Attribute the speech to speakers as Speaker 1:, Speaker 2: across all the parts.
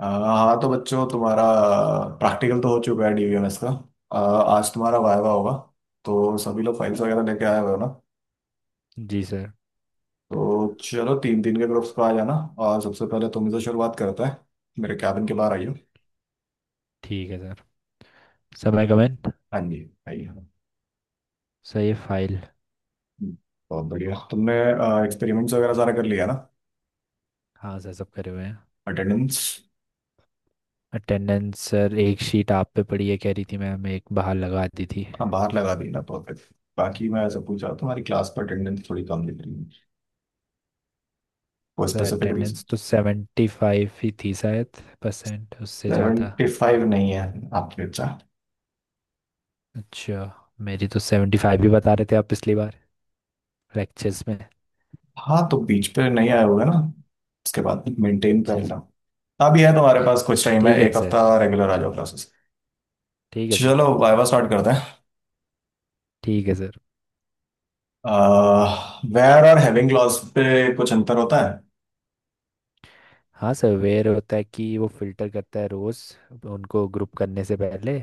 Speaker 1: हाँ तो बच्चों, तुम्हारा प्रैक्टिकल तो हो चुका है डीवीएमएस का। आज तुम्हारा वाइवा होगा, तो सभी लोग फाइल्स वगैरह लेके आए हुए हो ना?
Speaker 2: जी सर।
Speaker 1: तो चलो तीन तीन के ग्रुप्स पर आ जाना। और सबसे पहले तुम से शुरुआत करता है। मेरे कैबिन के बाहर आइयो।
Speaker 2: ठीक है सर। समय कमेंट।
Speaker 1: हाँ जी, आइए।
Speaker 2: सर ये फाइल।
Speaker 1: हम्म, बहुत बढ़िया, तुमने एक्सपेरिमेंट्स वगैरह सारा कर लिया ना?
Speaker 2: हाँ सर, सब करे हुए हैं।
Speaker 1: अटेंडेंस?
Speaker 2: अटेंडेंस सर, एक शीट आप पे पड़ी है, कह रही थी मैम एक बाहर लगा दी थी।
Speaker 1: हाँ बाहर लगा दी ना, परफेक्ट। बाकी मैं ऐसा पूछा, तुम्हारी क्लास पर अटेंडेंस थोड़ी कम दिख रही है। वो
Speaker 2: सर
Speaker 1: स्पेसिफिक रीजन?
Speaker 2: अटेंडेंस तो 75 ही थी शायद, परसेंट उससे ज़्यादा।
Speaker 1: 75 नहीं है आपके। अच्छा,
Speaker 2: अच्छा। मेरी तो 75 ही बता रहे थे आप पिछली बार लेक्चर्स में।
Speaker 1: हाँ तो बीच पे नहीं आया होगा ना। उसके बाद मेंटेन कर
Speaker 2: अच्छा सर।
Speaker 1: लो। अभी है तुम्हारे पास कुछ टाइम है,
Speaker 2: ठीक है
Speaker 1: एक
Speaker 2: सर।
Speaker 1: हफ्ता रेगुलर आ जाओ क्लासेस।
Speaker 2: ठीक है सर।
Speaker 1: चलो वाइवा स्टार्ट करते हैं।
Speaker 2: ठीक है सर।
Speaker 1: वेयर और हैविंग क्लॉज पे कुछ अंतर होता है?
Speaker 2: हाँ सर, वेयर होता है कि वो फिल्टर करता है रोज़ उनको ग्रुप करने से पहले,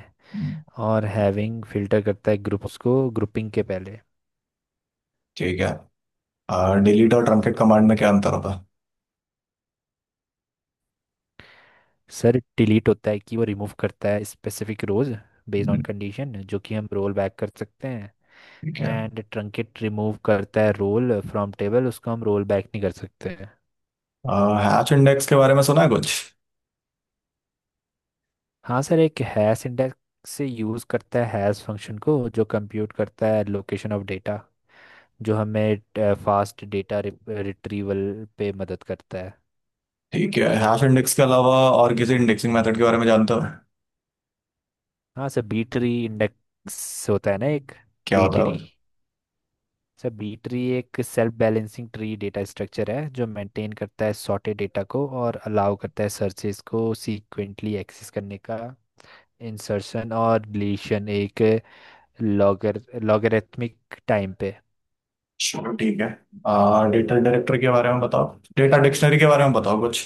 Speaker 2: और हैविंग फिल्टर करता है ग्रुप्स को ग्रुपिंग के पहले।
Speaker 1: ठीक है। डिलीट और ट्रंकेट कमांड में क्या अंतर होता है?
Speaker 2: सर डिलीट होता है कि वो रिमूव करता है specific rows based on
Speaker 1: hmm,
Speaker 2: condition, जो कि हम रोल बैक कर सकते हैं।
Speaker 1: ठीक है।
Speaker 2: एंड ट्रंकेट रिमूव करता है रोल फ्रॉम टेबल, उसको हम रोल बैक नहीं कर सकते हैं।
Speaker 1: हैश इंडेक्स के बारे में सुना है कुछ?
Speaker 2: हाँ सर, एक हैश इंडेक्स से यूज़ करता है हैश फंक्शन को जो कंप्यूट करता है लोकेशन ऑफ डेटा, जो हमें फास्ट डेटा रिट्रीवल पे मदद करता है।
Speaker 1: ठीक है, हैश इंडेक्स के अलावा और किसी इंडेक्सिंग मेथड के बारे में जानते हो?
Speaker 2: हाँ सर, बी ट्री इंडेक्स होता है ना एक।
Speaker 1: क्या
Speaker 2: बी
Speaker 1: होता है
Speaker 2: ट्री
Speaker 1: वो?
Speaker 2: सर बी ट्री एक self balancing tree data structure है जो मेंटेन करता है सॉर्टेड डेटा को और अलाउ करता है सर्चेस को सीक्वेंटली एक्सेस करने का, इंसर्शन और डिलीशन एक लॉगरिथमिक टाइम पे।
Speaker 1: चलो ठीक है। डेटा डायरेक्टर के बारे में बताओ, डेटा डिक्शनरी के बारे में बताओ कुछ।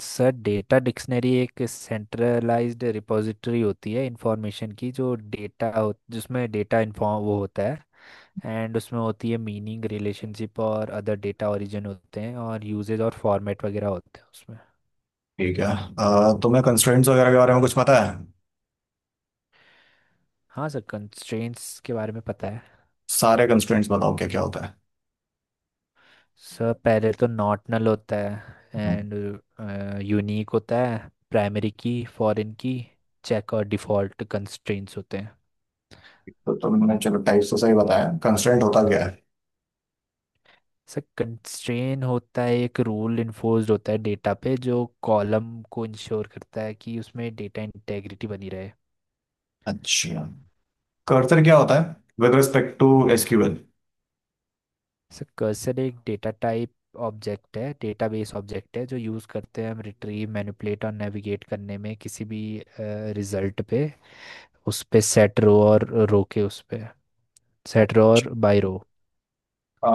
Speaker 2: सर डेटा डिक्शनरी एक सेंट्रलाइज्ड रिपॉजिटरी होती है इंफॉर्मेशन की, जो डेटा जिसमें डेटा इन्फॉर्म वो होता है, एंड उसमें होती है मीनिंग रिलेशनशिप और अदर डेटा ओरिजिन होते हैं और यूजेज और फॉर्मेट वगैरह होते हैं उसमें।
Speaker 1: ठीक है। तुम्हें कंस्ट्रेंट्स वगैरह के बारे में कुछ पता है?
Speaker 2: हाँ सर, कंस्ट्रेंट्स के बारे में पता है।
Speaker 1: सारे कंस्ट्रेंट्स बताओ क्या क्या होता है।
Speaker 2: सर पहले तो नॉट नल होता है, एंड यूनिक होता है, primary key, foreign key, check और डिफ़ॉल्ट कंस्ट्रेंट्स होते हैं।
Speaker 1: तो तुमने चलो टाइप्स तो सही बताया, कंस्ट्रेंट होता क्या है?
Speaker 2: सर कंस्ट्रेन होता है एक रूल इन्फोर्स्ड होता है डेटा पे, जो कॉलम को इंश्योर करता है कि उसमें डेटा इंटेग्रिटी बनी रहे।
Speaker 1: अच्छा। कर्सर क्या होता है with respect to SQL?
Speaker 2: Sir cursor एक डेटा टाइप ऑब्जेक्ट है, डेटाबेस ऑब्जेक्ट है, जो यूज़ करते हैं हम रिट्रीव मैनिपुलेट और नेविगेट करने में किसी भी रिजल्ट पे, उस पे सेट रो और रो के उस पे सेट रो और
Speaker 1: अच्छा।
Speaker 2: बाय रो।
Speaker 1: आ,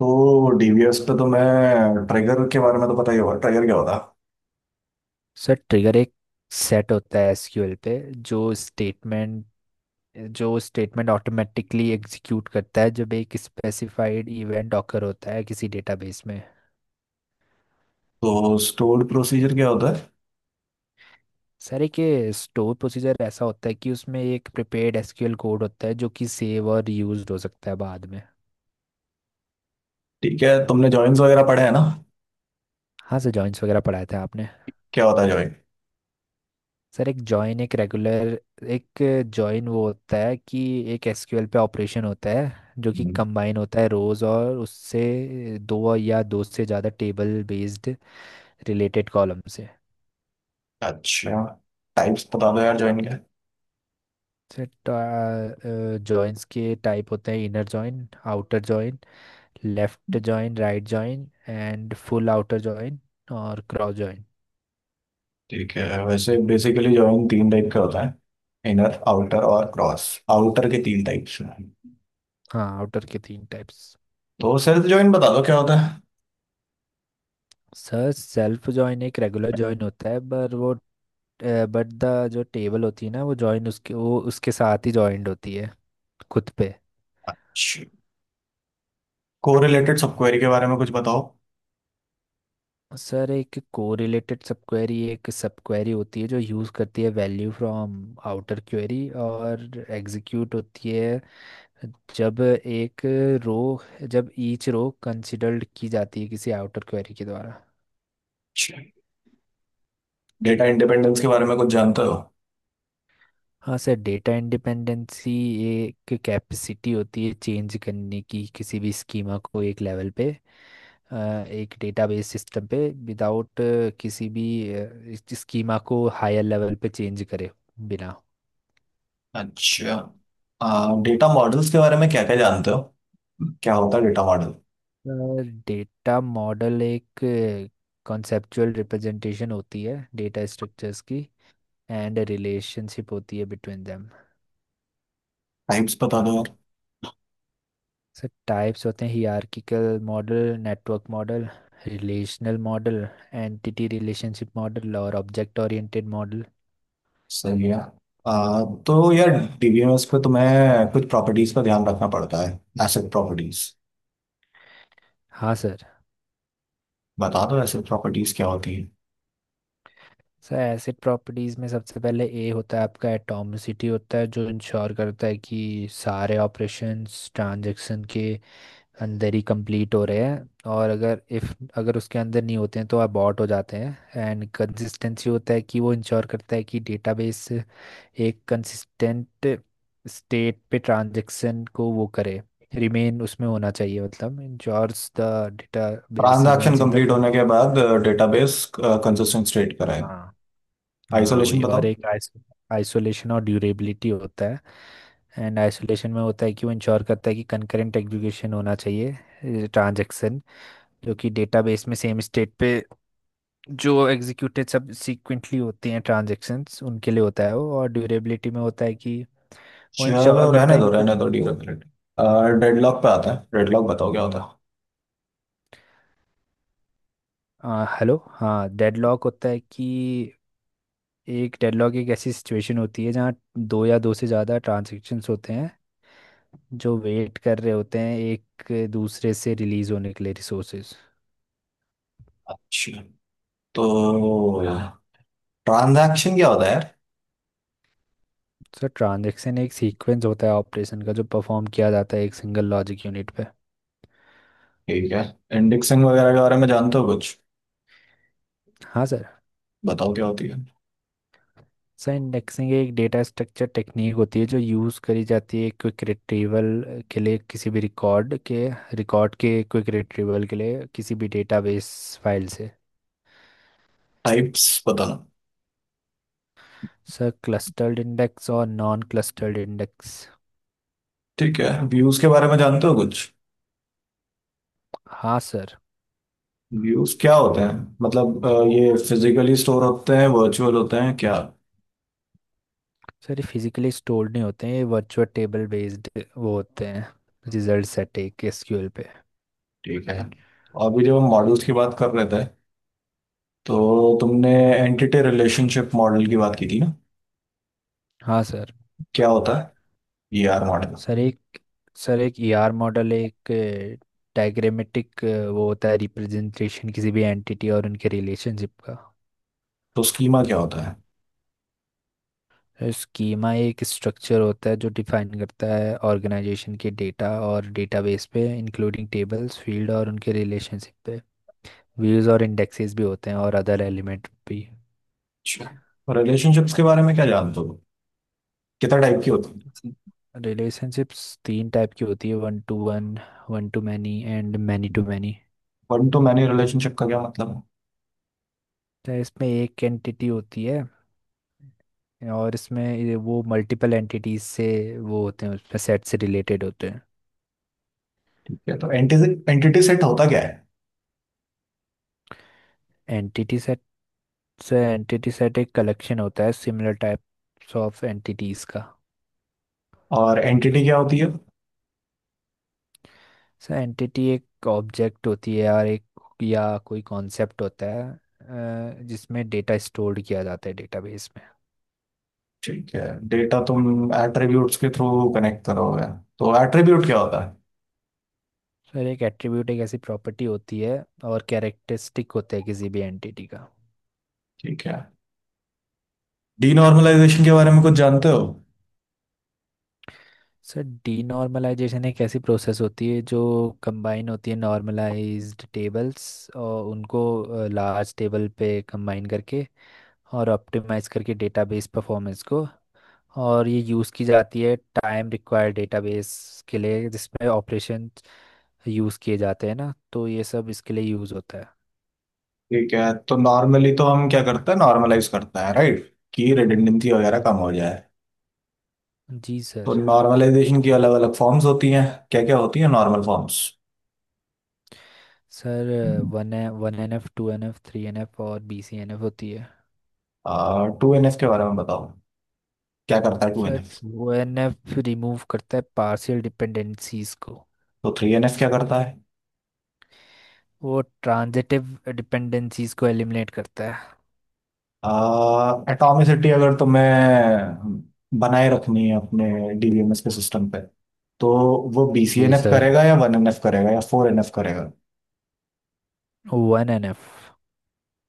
Speaker 1: तो डीबीएस पे तो मैं ट्रिगर के बारे में तो पता ही होगा, ट्रिगर क्या होता है?
Speaker 2: सर ट्रिगर एक सेट होता है SQL पे, जो स्टेटमेंट जो स्टेटमेंट ऑटोमेटिकली एग्जीक्यूट करता है जब एक स्पेसिफाइड इवेंट ऑकर होता है किसी डेटाबेस में।
Speaker 1: तो स्टोर्ड प्रोसीजर क्या होता है?
Speaker 2: सर एक स्टोर प्रोसीजर ऐसा होता है कि उसमें एक प्रिपेयर्ड SQL कोड होता है जो कि सेव और रीयूज हो सकता है बाद में।
Speaker 1: ठीक है, तुमने जॉइंस वगैरह पढ़े हैं ना?
Speaker 2: हाँ सर, जॉइंस वगैरह पढ़ाए थे आपने।
Speaker 1: क्या होता है जॉइन?
Speaker 2: सर एक जॉइन वो होता है कि एक SQL पे ऑपरेशन होता है जो कि कंबाइन होता है रोज, और उससे दो या दो से ज़्यादा टेबल बेस्ड रिलेटेड कॉलम से।
Speaker 1: अच्छा। टाइप्स बता दो यार जॉइन के।
Speaker 2: सर जॉइंस के टाइप होते हैं inner join, outer join, left join, right join and full outer join, और क्रॉस जॉइन।
Speaker 1: ठीक है, वैसे बेसिकली जॉइन तीन टाइप का होता है। इनर आउटर और क्रॉस। आउटर के तीन टाइप्स हैं।
Speaker 2: हाँ, आउटर के तीन टाइप्स।
Speaker 1: तो सेल्फ जॉइन बता दो क्या होता है।
Speaker 2: सर सेल्फ जॉइन एक रेगुलर जॉइन होता है, पर वो बट द जो टेबल होती है ना, वो जॉइंट उसके साथ ही जॉइंट होती है खुद पे।
Speaker 1: कोरिलेटेड सब क्वेरी के बारे में कुछ बताओ।
Speaker 2: सर एक कोरिलेटेड सब क्वेरी एक सब क्वेरी होती है जो यूज़ करती है वैल्यू फ्रॉम आउटर क्वेरी, और एग्जीक्यूट होती है जब एक रो जब ईच रो कंसिडर्ड की जाती है किसी आउटर क्वेरी के द्वारा।
Speaker 1: डेटा इंडिपेंडेंस के बारे में कुछ जानते हो?
Speaker 2: हाँ सर, डेटा इंडिपेंडेंसी एक कैपेसिटी होती है चेंज करने की किसी भी स्कीमा को एक लेवल पे, अ, एक डेटाबेस सिस्टम पे, विदाउट किसी भी स्कीमा को हायर लेवल पे चेंज करे बिना।
Speaker 1: अच्छा। डेटा मॉडल्स के बारे में क्या क्या जानते हो? क्या होता है डेटा मॉडल?
Speaker 2: डेटा मॉडल एक कॉन्सेप्चुअल रिप्रेजेंटेशन होती है डेटा स्ट्रक्चर्स की, एंड रिलेशनशिप होती है बिटवीन देम।
Speaker 1: टाइप्स बता दो यार।
Speaker 2: सर टाइप्स होते हैं hierarchical model, network model, relational model, entity relationship model और ऑब्जेक्ट ओरिएंटेड मॉडल।
Speaker 1: सही है। आ, तो यार, डीबीएमएस पे तुम्हें कुछ प्रॉपर्टीज का ध्यान रखना पड़ता है, एसेट प्रॉपर्टीज।
Speaker 2: हाँ सर।
Speaker 1: बता दो एसेट प्रॉपर्टीज क्या होती है।
Speaker 2: सर एसिड प्रॉपर्टीज में सबसे पहले ए होता है आपका, एटॉमिसिटी होता है जो इंश्योर करता है कि सारे ऑपरेशंस ट्रांजैक्शन के अंदर ही कंप्लीट हो रहे हैं, और अगर उसके अंदर नहीं होते हैं तो अबॉर्ट हो जाते हैं। एंड कंसिस्टेंसी होता है कि वो इंश्योर करता है कि डेटाबेस एक कंसिस्टेंट स्टेट पे ट्रांजैक्शन को वो करे, रिमेन उसमें होना चाहिए, मतलब ensures the database
Speaker 1: transaction
Speaker 2: remains in the.
Speaker 1: Complete होने के बाद डेटाबेस कंसिस्टेंट स्टेट कराए।
Speaker 2: हाँ, हाँ
Speaker 1: आइसोलेशन
Speaker 2: वही,
Speaker 1: बताओ।
Speaker 2: और एक आइसोलेशन और ड्यूरेबिलिटी होता है। एंड आइसोलेशन में होता है कि वो इंश्योर करता है कि कंकरेंट एग्जीक्यूशन होना चाहिए ट्रांजैक्शन, जो कि डेटाबेस में सेम स्टेट पे जो एग्जीक्यूटेड सब सीक्वेंटली होते हैं ट्रांजैक्शंस उनके लिए होता है वो, और ड्यूरेबिलिटी में होता है कि वो
Speaker 1: चलो
Speaker 2: इंश्योर करता है कि।
Speaker 1: रहने दो ड्यूरेबिलिटी। डेडलॉक पे आता है, डेडलॉक बताओ क्या होता है।
Speaker 2: हेलो, हाँ डेडलॉक होता है कि, एक डेडलॉक एक ऐसी सिचुएशन होती है जहाँ दो या दो से ज़्यादा ट्रांजैक्शंस होते हैं जो वेट कर रहे होते हैं एक दूसरे से रिलीज होने के लिए रिसोर्सेज।
Speaker 1: अच्छा, तो ट्रांजैक्शन क्या होता है यार?
Speaker 2: सर ट्रांजैक्शन एक सीक्वेंस होता है ऑपरेशन का जो परफॉर्म किया जाता है एक सिंगल लॉजिक यूनिट पे।
Speaker 1: ठीक है। इंडेक्सिंग वगैरह के बारे में जानते हो कुछ?
Speaker 2: हाँ सर।
Speaker 1: बताओ क्या होती है।
Speaker 2: सर इंडेक्सिंग एक डेटा स्ट्रक्चर टेक्निक होती है जो यूज़ करी जाती है क्विक रिट्रीवल के लिए किसी भी रिकॉर्ड के, क्विक रिट्रीवल के लिए किसी भी डेटाबेस फाइल से।
Speaker 1: टाइप्स बताना।
Speaker 2: सर क्लस्टर्ड इंडेक्स और नॉन क्लस्टर्ड इंडेक्स।
Speaker 1: ठीक है, व्यूज के बारे में जानते हो कुछ?
Speaker 2: हाँ सर।
Speaker 1: व्यूज क्या होते हैं? मतलब ये फिजिकली स्टोर होते हैं, वर्चुअल होते हैं क्या?
Speaker 2: सर ये फिजिकली स्टोर्ड नहीं होते हैं, ये वर्चुअल टेबल बेस्ड वो होते हैं, रिजल्ट सेट एक SQL पे।
Speaker 1: ठीक है। अभी जब हम मॉडल्स की बात कर रहे थे, तो तुमने
Speaker 2: हम्म।
Speaker 1: एंटिटी रिलेशनशिप मॉडल की बात की थी ना?
Speaker 2: हाँ सर।
Speaker 1: क्या होता है ये आर मॉडल?
Speaker 2: सर एक सर एक ER मॉडल एक डायग्रामेटिक वो होता है रिप्रेजेंटेशन किसी भी एंटिटी और उनके रिलेशनशिप का।
Speaker 1: तो स्कीमा क्या होता है?
Speaker 2: स्कीमा एक स्ट्रक्चर होता है जो डिफाइन करता है ऑर्गेनाइजेशन के डेटा और डेटाबेस पे, इंक्लूडिंग टेबल्स फील्ड और उनके रिलेशनशिप पे, व्यूज और इंडेक्सेस भी होते हैं और अदर एलिमेंट भी।
Speaker 1: अच्छा, रिलेशनशिप्स के बारे में क्या जानते हो? कितना टाइप की होती है?
Speaker 2: रिलेशनशिप्स तीन टाइप की होती है, one to one, one to many and many to many.
Speaker 1: One to many relationship का क्या मतलब है?
Speaker 2: तो इसमें एक एंटिटी होती है, और इसमें ये वो मल्टीपल एंटिटीज से वो होते हैं उसमें सेट से रिलेटेड होते हैं।
Speaker 1: ठीक है, तो एंटिटी एंटिटी सेट होता क्या है?
Speaker 2: Entity set. So entity set एक कलेक्शन होता है सिमिलर टाइप्स ऑफ एंटिटीज का।
Speaker 1: और एंटिटी क्या होती है?
Speaker 2: सो एंटिटी एक ऑब्जेक्ट होती है और एक या कोई कॉन्सेप्ट होता है, जिसमें डेटा स्टोर किया जाता है डेटाबेस।
Speaker 1: ठीक है। डेटा तुम एट्रीब्यूट्स के थ्रू कनेक्ट करोगे, तो एट्रीब्यूट क्या होता है?
Speaker 2: सर एक एट्रीब्यूट एक ऐसी प्रॉपर्टी होती है और कैरेक्टरिस्टिक होता है किसी भी एंटिटी का।
Speaker 1: ठीक है। डीनॉर्मलाइजेशन के बारे में कुछ जानते हो?
Speaker 2: सर डीनॉर्मलाइजेशन एक ऐसी प्रोसेस होती है जो कंबाइन होती है नॉर्मलाइज्ड टेबल्स और उनको लार्ज टेबल पे कंबाइन करके, और ऑप्टिमाइज करके डेटाबेस परफॉर्मेंस को। और ये यूज़ की जाती है टाइम रिक्वायर्ड डेटाबेस के लिए जिसमें ऑपरेशन यूज़ किए जाते हैं ना, तो ये सब इसके लिए यूज़ होता है।
Speaker 1: ठीक है, तो नॉर्मली तो हम क्या करते हैं, नॉर्मलाइज करते हैं, राइट? कि रिडंडेंसी वगैरह
Speaker 2: हाँ
Speaker 1: कम हो जाए।
Speaker 2: जी
Speaker 1: तो
Speaker 2: सर।
Speaker 1: नॉर्मलाइजेशन की अलग अलग फॉर्म्स होती हैं। क्या क्या होती है normal forms?
Speaker 2: Sir 1NF, 2NF, 3NF और BCNF होती है।
Speaker 1: 2NF के बारे में बताओ, क्या करता है two N
Speaker 2: sir
Speaker 1: F
Speaker 2: 2NF remove करता है पार्शियल डिपेंडेंसीज को।
Speaker 1: तो 3NF क्या करता है?
Speaker 2: वो ट्रांजिटिव डिपेंडेंसीज को एलिमिनेट करता
Speaker 1: एटॉमिसिटी अगर तुम्हें बनाए रखनी है अपने डीबीएमएस के सिस्टम पे, तो वो बी
Speaker 2: है।
Speaker 1: C
Speaker 2: G
Speaker 1: N F
Speaker 2: sir,
Speaker 1: करेगा या 1NF करेगा या 4NF करेगा?
Speaker 2: 1NF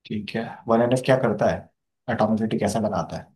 Speaker 1: ठीक है, 1NF क्या करता है? एटॉमिसिटी कैसे लगाता है?